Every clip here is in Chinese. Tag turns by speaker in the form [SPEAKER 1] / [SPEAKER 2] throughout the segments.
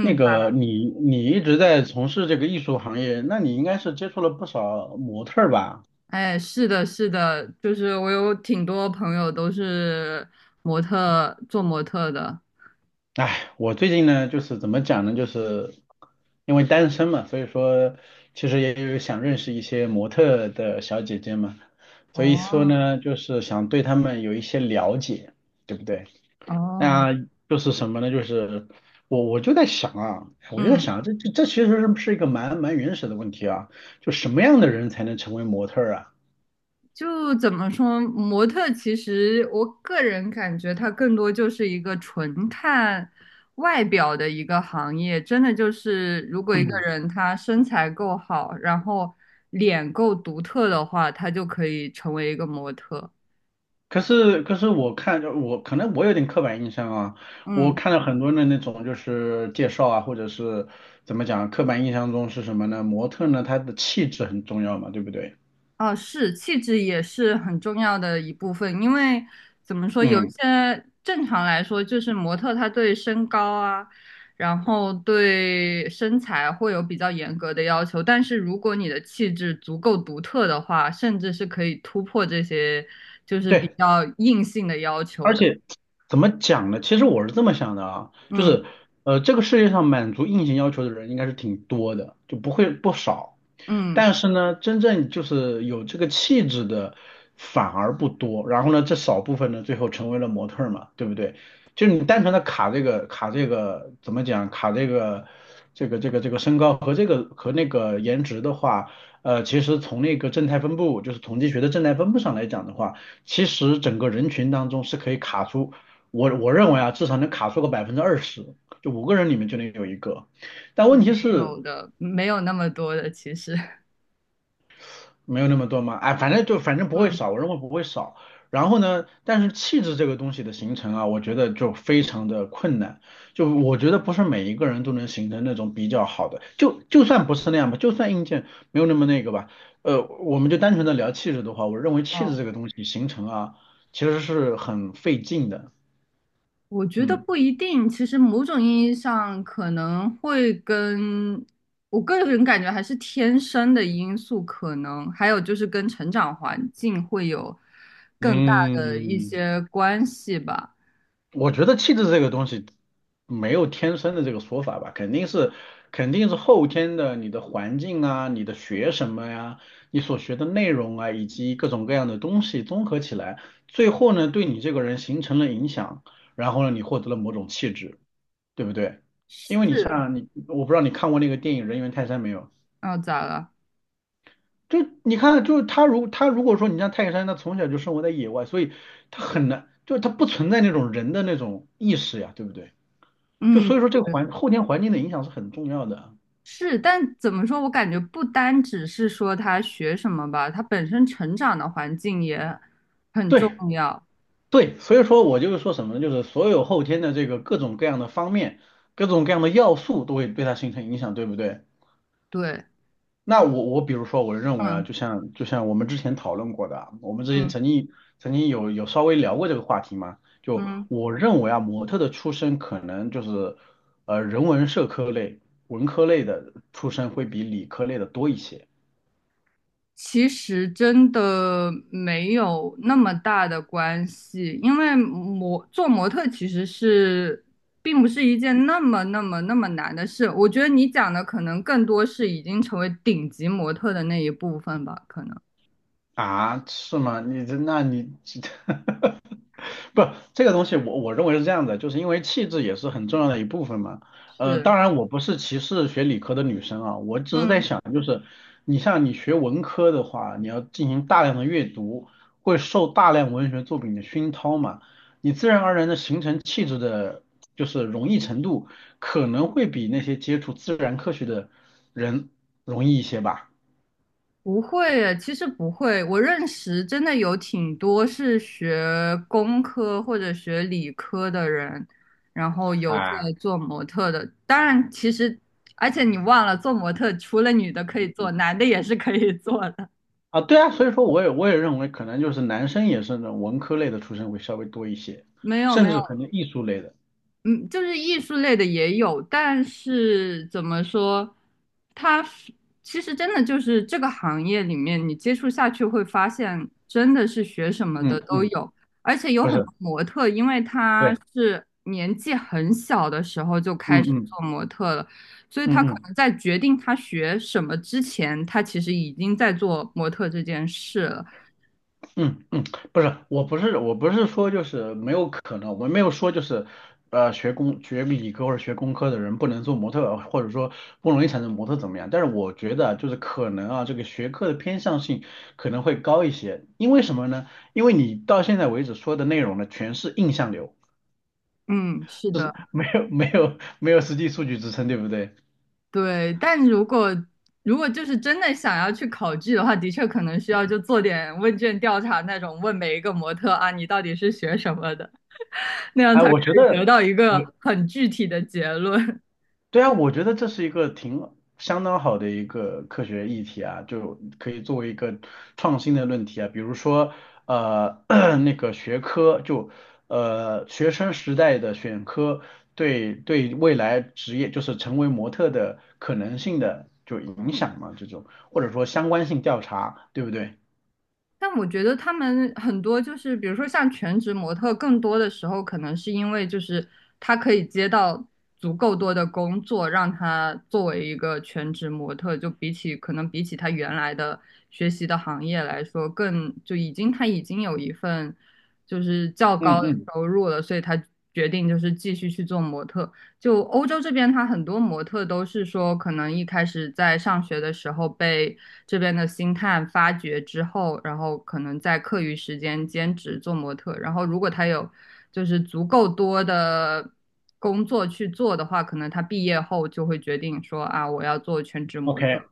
[SPEAKER 1] 那个你一直在从事这个艺术行业，那你应该是接触了不少模特儿吧？
[SPEAKER 2] 哎，是的，是的，就是我有挺多朋友都是做模特的。
[SPEAKER 1] 哎，我最近呢，就是怎么讲呢，就是因为单身嘛，所以说其实也有想认识一些模特的小姐姐嘛，所以说
[SPEAKER 2] 哦
[SPEAKER 1] 呢，就是想对她们有一些了解，对不对？
[SPEAKER 2] 哦，
[SPEAKER 1] 那就是什么呢？就是我就在想啊，我就在
[SPEAKER 2] 嗯，
[SPEAKER 1] 想啊，这其实是一个蛮原始的问题啊，就什么样的人才能成为模特儿啊？
[SPEAKER 2] 就怎么说，模特其实我个人感觉它更多就是一个纯看外表的一个行业，真的就是如果一个人他身材够好，然后脸够独特的话，他就可以成为一个模特。
[SPEAKER 1] 可是，可是我看就我可能我有点刻板印象啊，我
[SPEAKER 2] 嗯。
[SPEAKER 1] 看了很多的那种就是介绍啊，或者是怎么讲，刻板印象中是什么呢？模特呢，她的气质很重要嘛，对不对？
[SPEAKER 2] 哦，是，气质也是很重要的一部分，因为怎么说，有一
[SPEAKER 1] 嗯，
[SPEAKER 2] 些正常来说，就是模特他对身高啊，然后对身材会有比较严格的要求，但是如果你的气质足够独特的话，甚至是可以突破这些就是比
[SPEAKER 1] 对，
[SPEAKER 2] 较硬性的要求
[SPEAKER 1] 而
[SPEAKER 2] 的。
[SPEAKER 1] 且怎么讲呢？其实我是这么想的啊，就
[SPEAKER 2] 嗯
[SPEAKER 1] 是这个世界上满足硬性要求的人应该是挺多的，就不会不少。
[SPEAKER 2] 嗯，
[SPEAKER 1] 但是呢，真正就是有这个气质的反而不多。然后呢，这少部分呢，最后成为了模特儿嘛，对不对？就你单纯的卡这个卡这个怎么讲？卡这个这个身高和这个和那个颜值的话，其实从那个正态分布，就是统计学的正态分布上来讲的话，其实整个人群当中是可以卡出，我认为啊，至少能卡出个20%，就五个人里面就能有一个。但问
[SPEAKER 2] 没
[SPEAKER 1] 题是，
[SPEAKER 2] 有的，没有那么多的其实。
[SPEAKER 1] 没有那么多嘛，哎，反正就反正不会
[SPEAKER 2] 嗯，
[SPEAKER 1] 少，我认为不会少。然后呢，但是气质这个东西的形成啊，我觉得就非常的困难。就我觉得不是每一个人都能形成那种比较好的，就就算不是那样吧，就算硬件没有那么那个吧，我们就单纯的聊气质的话，我认为气质
[SPEAKER 2] 哦。
[SPEAKER 1] 这个东西形成啊，其实是很费劲的。
[SPEAKER 2] 我觉得
[SPEAKER 1] 嗯
[SPEAKER 2] 不一定，其实某种意义上可能会我个人感觉还是天生的因素，可能还有就是跟成长环境会有更大的一
[SPEAKER 1] 嗯，
[SPEAKER 2] 些关系吧。
[SPEAKER 1] 我觉得气质这个东西没有天生的这个说法吧，肯定是后天的，你的环境啊，你的学什么呀，你所学的内容啊，以及各种各样的东西综合起来，最后呢，对你这个人形成了影响，然后呢，你获得了某种气质，对不对？因为你
[SPEAKER 2] 是，
[SPEAKER 1] 像你，我不知道你看过那个电影《人猿泰山》没有？
[SPEAKER 2] 哦，咋了？
[SPEAKER 1] 就你看，就是他如果说你像泰山，他从小就生活在野外，所以他很难，就他不存在那种人的那种意识呀，对不对？就
[SPEAKER 2] 嗯，
[SPEAKER 1] 所以说这个
[SPEAKER 2] 对，
[SPEAKER 1] 环后天环境的影响是很重要的。
[SPEAKER 2] 是，但怎么说？我感觉不单只是说他学什么吧，他本身成长的环境也很重
[SPEAKER 1] 对
[SPEAKER 2] 要。
[SPEAKER 1] 对，所以说我就是说什么呢？就是所有后天的这个各种各样的方面、各种各样的要素都会对它形成影响，对不对？
[SPEAKER 2] 对，
[SPEAKER 1] 那我比如说，我认为啊，就
[SPEAKER 2] 嗯
[SPEAKER 1] 像就像我们之前讨论过的啊，我们之前
[SPEAKER 2] 嗯
[SPEAKER 1] 曾经有稍微聊过这个话题嘛。就
[SPEAKER 2] 嗯。
[SPEAKER 1] 我认为啊，模特的出身可能就是呃人文社科类、文科类的出身会比理科类的多一些。
[SPEAKER 2] 其实真的没有那么大的关系，因为做模特其实是并不是一件那么那么那么难的事。我觉得你讲的可能更多是已经成为顶级模特的那一部分吧，可能
[SPEAKER 1] 啊？是吗？你这那你 不，这个东西我认为是这样的，就是因为气质也是很重要的一部分嘛。
[SPEAKER 2] 是，
[SPEAKER 1] 当然我不是歧视学理科的女生啊，我只是在
[SPEAKER 2] 嗯。
[SPEAKER 1] 想，就是你像你学文科的话，你要进行大量的阅读，会受大量文学作品的熏陶嘛，你自然而然的形成气质的，就是容易程度可能会比那些接触自然科学的人容易一些吧。
[SPEAKER 2] 不会耶，其实不会。我认识真的有挺多是学工科或者学理科的人，然后有在
[SPEAKER 1] 啊。
[SPEAKER 2] 做模特的。当然，其实而且你忘了，做模特除了女的可以做，男的也是可以做的。
[SPEAKER 1] 啊，对啊，所以说我也认为可能就是男生也是那种文科类的出身会稍微多一些，
[SPEAKER 2] 没有没
[SPEAKER 1] 甚
[SPEAKER 2] 有，
[SPEAKER 1] 至可能艺术类的，
[SPEAKER 2] 嗯，就是艺术类的也有，但是怎么说，他其实真的就是这个行业里面，你接触下去会发现，真的是学什么的
[SPEAKER 1] 嗯
[SPEAKER 2] 都
[SPEAKER 1] 嗯，
[SPEAKER 2] 有，而且有
[SPEAKER 1] 不
[SPEAKER 2] 很
[SPEAKER 1] 是，
[SPEAKER 2] 多模特，因为他
[SPEAKER 1] 对，
[SPEAKER 2] 是年纪很小的时候就
[SPEAKER 1] 嗯
[SPEAKER 2] 开始
[SPEAKER 1] 嗯。
[SPEAKER 2] 做模特了，所以他
[SPEAKER 1] 嗯
[SPEAKER 2] 可
[SPEAKER 1] 嗯
[SPEAKER 2] 能在决定他学什么之前，他其实已经在做模特这件事了。
[SPEAKER 1] 嗯嗯，不是，我不是说就是没有可能，我没有说就是，呃，学工学理科或者学工科的人不能做模特，或者说不容易产生模特怎么样？但是我觉得啊就是可能啊，这个学科的偏向性可能会高一些，因为什么呢？因为你到现在为止说的内容呢，全是印象流。
[SPEAKER 2] 嗯，是
[SPEAKER 1] 就
[SPEAKER 2] 的。
[SPEAKER 1] 是没有实际数据支撑，对不对？
[SPEAKER 2] 对，但如果就是真的想要去考据的话，的确可能需要就做点问卷调查那种，问每一个模特啊，你到底是学什么的，那样
[SPEAKER 1] 哎，
[SPEAKER 2] 才可
[SPEAKER 1] 我觉
[SPEAKER 2] 以
[SPEAKER 1] 得
[SPEAKER 2] 得到一
[SPEAKER 1] 我
[SPEAKER 2] 个很具体的结论。
[SPEAKER 1] 对啊，我觉得这是一个挺相当好的一个科学议题啊，就可以作为一个创新的论题啊，比如说呃 那个学科就呃学生时代的选科对未来职业就是成为模特的可能性的就影响嘛，这种或者说相关性调查，对不对？
[SPEAKER 2] 但我觉得他们很多就是，比如说像全职模特，更多的时候可能是因为就是他可以接到足够多的工作，让他作为一个全职模特，就比起可能比起他原来的学习的行业来说，更就已经他已经有一份就是较高
[SPEAKER 1] 嗯
[SPEAKER 2] 的
[SPEAKER 1] 嗯
[SPEAKER 2] 收入了，所以他决定就是继续去做模特。就欧洲这边，他很多模特都是说，可能一开始在上学的时候被这边的星探发掘之后，然后可能在课余时间兼职做模特，然后如果他有就是足够多的工作去做的话，可能他毕业后就会决定说啊，我要做全职模
[SPEAKER 1] ，OK。
[SPEAKER 2] 特。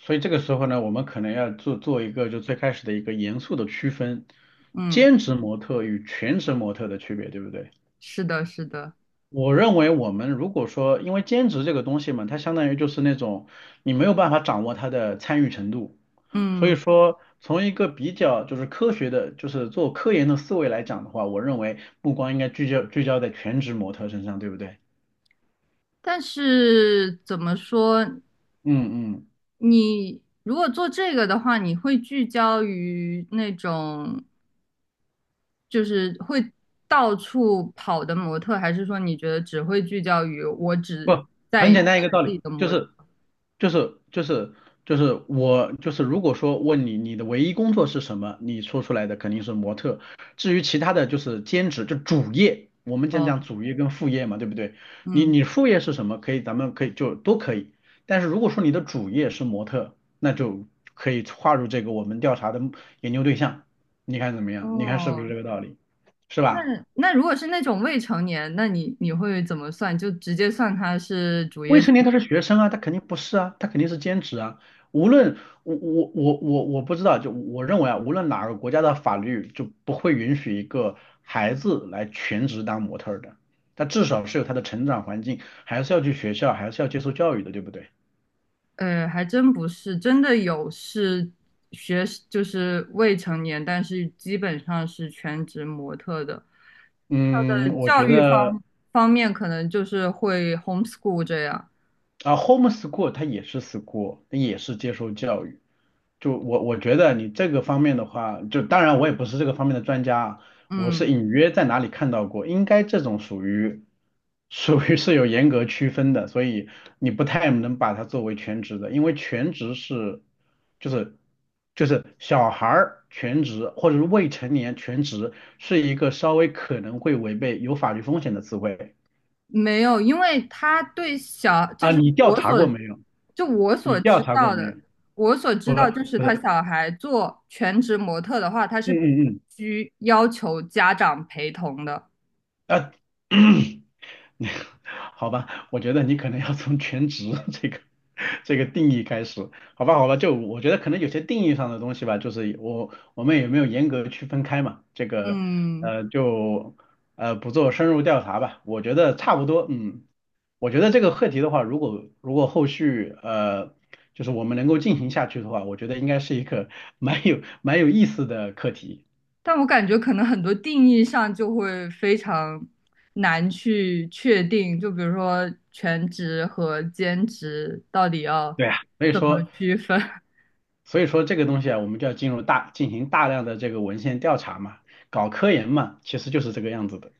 [SPEAKER 1] 所以这个时候呢，我们可能要做一个就最开始的一个严肃的区分，
[SPEAKER 2] 嗯，
[SPEAKER 1] 兼职模特与全职模特的区别，对不对？
[SPEAKER 2] 是的，是的，
[SPEAKER 1] 我认为我们如果说，因为兼职这个东西嘛，它相当于就是那种你没有办法掌握它的参与程度，所以
[SPEAKER 2] 嗯，
[SPEAKER 1] 说从一个比较就是科学的，就是做科研的思维来讲的话，我认为目光应该聚焦在全职模特身上，对不对？
[SPEAKER 2] 但是怎么说
[SPEAKER 1] 嗯嗯
[SPEAKER 2] 你？如果做这个的话，你会聚焦于那种就是会到处跑的模特，还是说你觉得只会聚焦于我只
[SPEAKER 1] 不，
[SPEAKER 2] 在
[SPEAKER 1] 很
[SPEAKER 2] 意
[SPEAKER 1] 简单一
[SPEAKER 2] 本
[SPEAKER 1] 个道理，
[SPEAKER 2] 地的
[SPEAKER 1] 就
[SPEAKER 2] 模特？
[SPEAKER 1] 是就是就是我就是如果说问你你的唯一工作是什么，你说出来的肯定是模特。至于其他的就是兼职，就主业，我们讲讲
[SPEAKER 2] 哦，
[SPEAKER 1] 主业跟副业嘛，对不对？你
[SPEAKER 2] 嗯，
[SPEAKER 1] 你副业是什么？可以，咱们可以就都可以。但是如果说你的主业是模特，那就可以划入这个我们调查的研究对象。你看怎么样？你看是不是
[SPEAKER 2] 哦，
[SPEAKER 1] 这个道理？是
[SPEAKER 2] 那
[SPEAKER 1] 吧？
[SPEAKER 2] 如果是那种未成年，那你会怎么算？就直接算他是主
[SPEAKER 1] 未
[SPEAKER 2] 业生
[SPEAKER 1] 成年他是学生啊，他肯定不是啊，他肯定是兼职啊。无论我不知道，就我认为啊，无论哪个国家的法律就不会允许一个孩子来全职当模特儿的，他至少是有他的成长环境，还是要去学校，还是要接受教育的，对不对？
[SPEAKER 2] 还真不是，真的有是学就是未成年，但是基本上是全职模特的。他
[SPEAKER 1] 嗯，
[SPEAKER 2] 的
[SPEAKER 1] 我
[SPEAKER 2] 教
[SPEAKER 1] 觉
[SPEAKER 2] 育
[SPEAKER 1] 得。
[SPEAKER 2] 方面可能就是会 homeschool 这样，
[SPEAKER 1] 啊，homeschool 它也是 school，它也是接受教育。就我觉得你这个方面的话，就当然我也不是这个方面的专家啊，我是
[SPEAKER 2] 嗯。
[SPEAKER 1] 隐约在哪里看到过，应该这种属于是有严格区分的，所以你不太能把它作为全职的，因为全职是就是就是小孩儿全职或者是未成年全职是一个稍微可能会违背有法律风险的词汇。
[SPEAKER 2] 没有，因为他对小，就
[SPEAKER 1] 啊，
[SPEAKER 2] 是
[SPEAKER 1] 你调
[SPEAKER 2] 我
[SPEAKER 1] 查
[SPEAKER 2] 所，
[SPEAKER 1] 过没有？
[SPEAKER 2] 就我所
[SPEAKER 1] 你调
[SPEAKER 2] 知
[SPEAKER 1] 查过
[SPEAKER 2] 道
[SPEAKER 1] 没有？
[SPEAKER 2] 的，我所
[SPEAKER 1] 不
[SPEAKER 2] 知道
[SPEAKER 1] 是
[SPEAKER 2] 就是
[SPEAKER 1] 不
[SPEAKER 2] 他
[SPEAKER 1] 是，
[SPEAKER 2] 小孩做全职模特的话，他是
[SPEAKER 1] 嗯嗯
[SPEAKER 2] 需要求家长陪同的。
[SPEAKER 1] 嗯，啊，好吧，我觉得你可能要从全职 这个这个定义开始，好吧好吧，就我觉得可能有些定义上的东西吧，就是我们也没有严格区分开嘛，这个
[SPEAKER 2] 嗯，
[SPEAKER 1] 呃就呃不做深入调查吧，我觉得差不多，嗯，我觉得这个课题的话，如果后续呃就是我们能够进行下去的话，我觉得应该是一个 蛮有意思的课题。
[SPEAKER 2] 但我感觉可能很多定义上就会非常难去确定，就比如说全职和兼职到底要
[SPEAKER 1] 对啊，
[SPEAKER 2] 怎么区分。
[SPEAKER 1] 所以说这个东西啊，我们就要进行大量的这个文献调查嘛，搞科研嘛，其实就是这个样子的。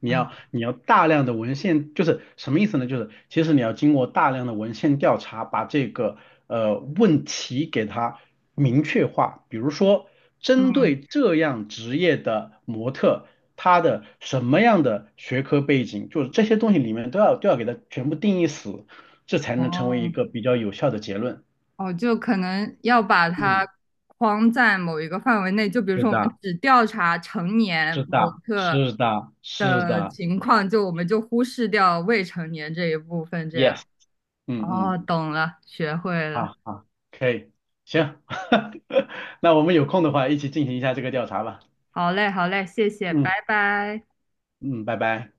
[SPEAKER 1] 你要
[SPEAKER 2] 啊？
[SPEAKER 1] 你要大量的文献，就是什么意思呢？就是其实你要经过大量的文献调查，把这个呃问题给它明确化。比如说，针
[SPEAKER 2] 嗯，
[SPEAKER 1] 对这样职业的模特，他的什么样的学科背景，就是这些东西里面都要给它全部定义死，这才能成为一
[SPEAKER 2] 哦。
[SPEAKER 1] 个比较有效的结论。
[SPEAKER 2] 哦，就可能要把它
[SPEAKER 1] 嗯，
[SPEAKER 2] 框在某一个范围内，就比如
[SPEAKER 1] 是
[SPEAKER 2] 说我们
[SPEAKER 1] 的。
[SPEAKER 2] 只调查成年模特
[SPEAKER 1] 是
[SPEAKER 2] 的
[SPEAKER 1] 的
[SPEAKER 2] 情况，就我们就忽视掉未成年这一部分，这样。
[SPEAKER 1] ，yes，嗯
[SPEAKER 2] 哦，
[SPEAKER 1] 嗯，
[SPEAKER 2] 懂了，学会了。
[SPEAKER 1] 好好，可以，行，那我们有空的话一起进行一下这个调查吧。
[SPEAKER 2] 好嘞，好嘞，谢谢，拜
[SPEAKER 1] 嗯
[SPEAKER 2] 拜。
[SPEAKER 1] 嗯，拜拜。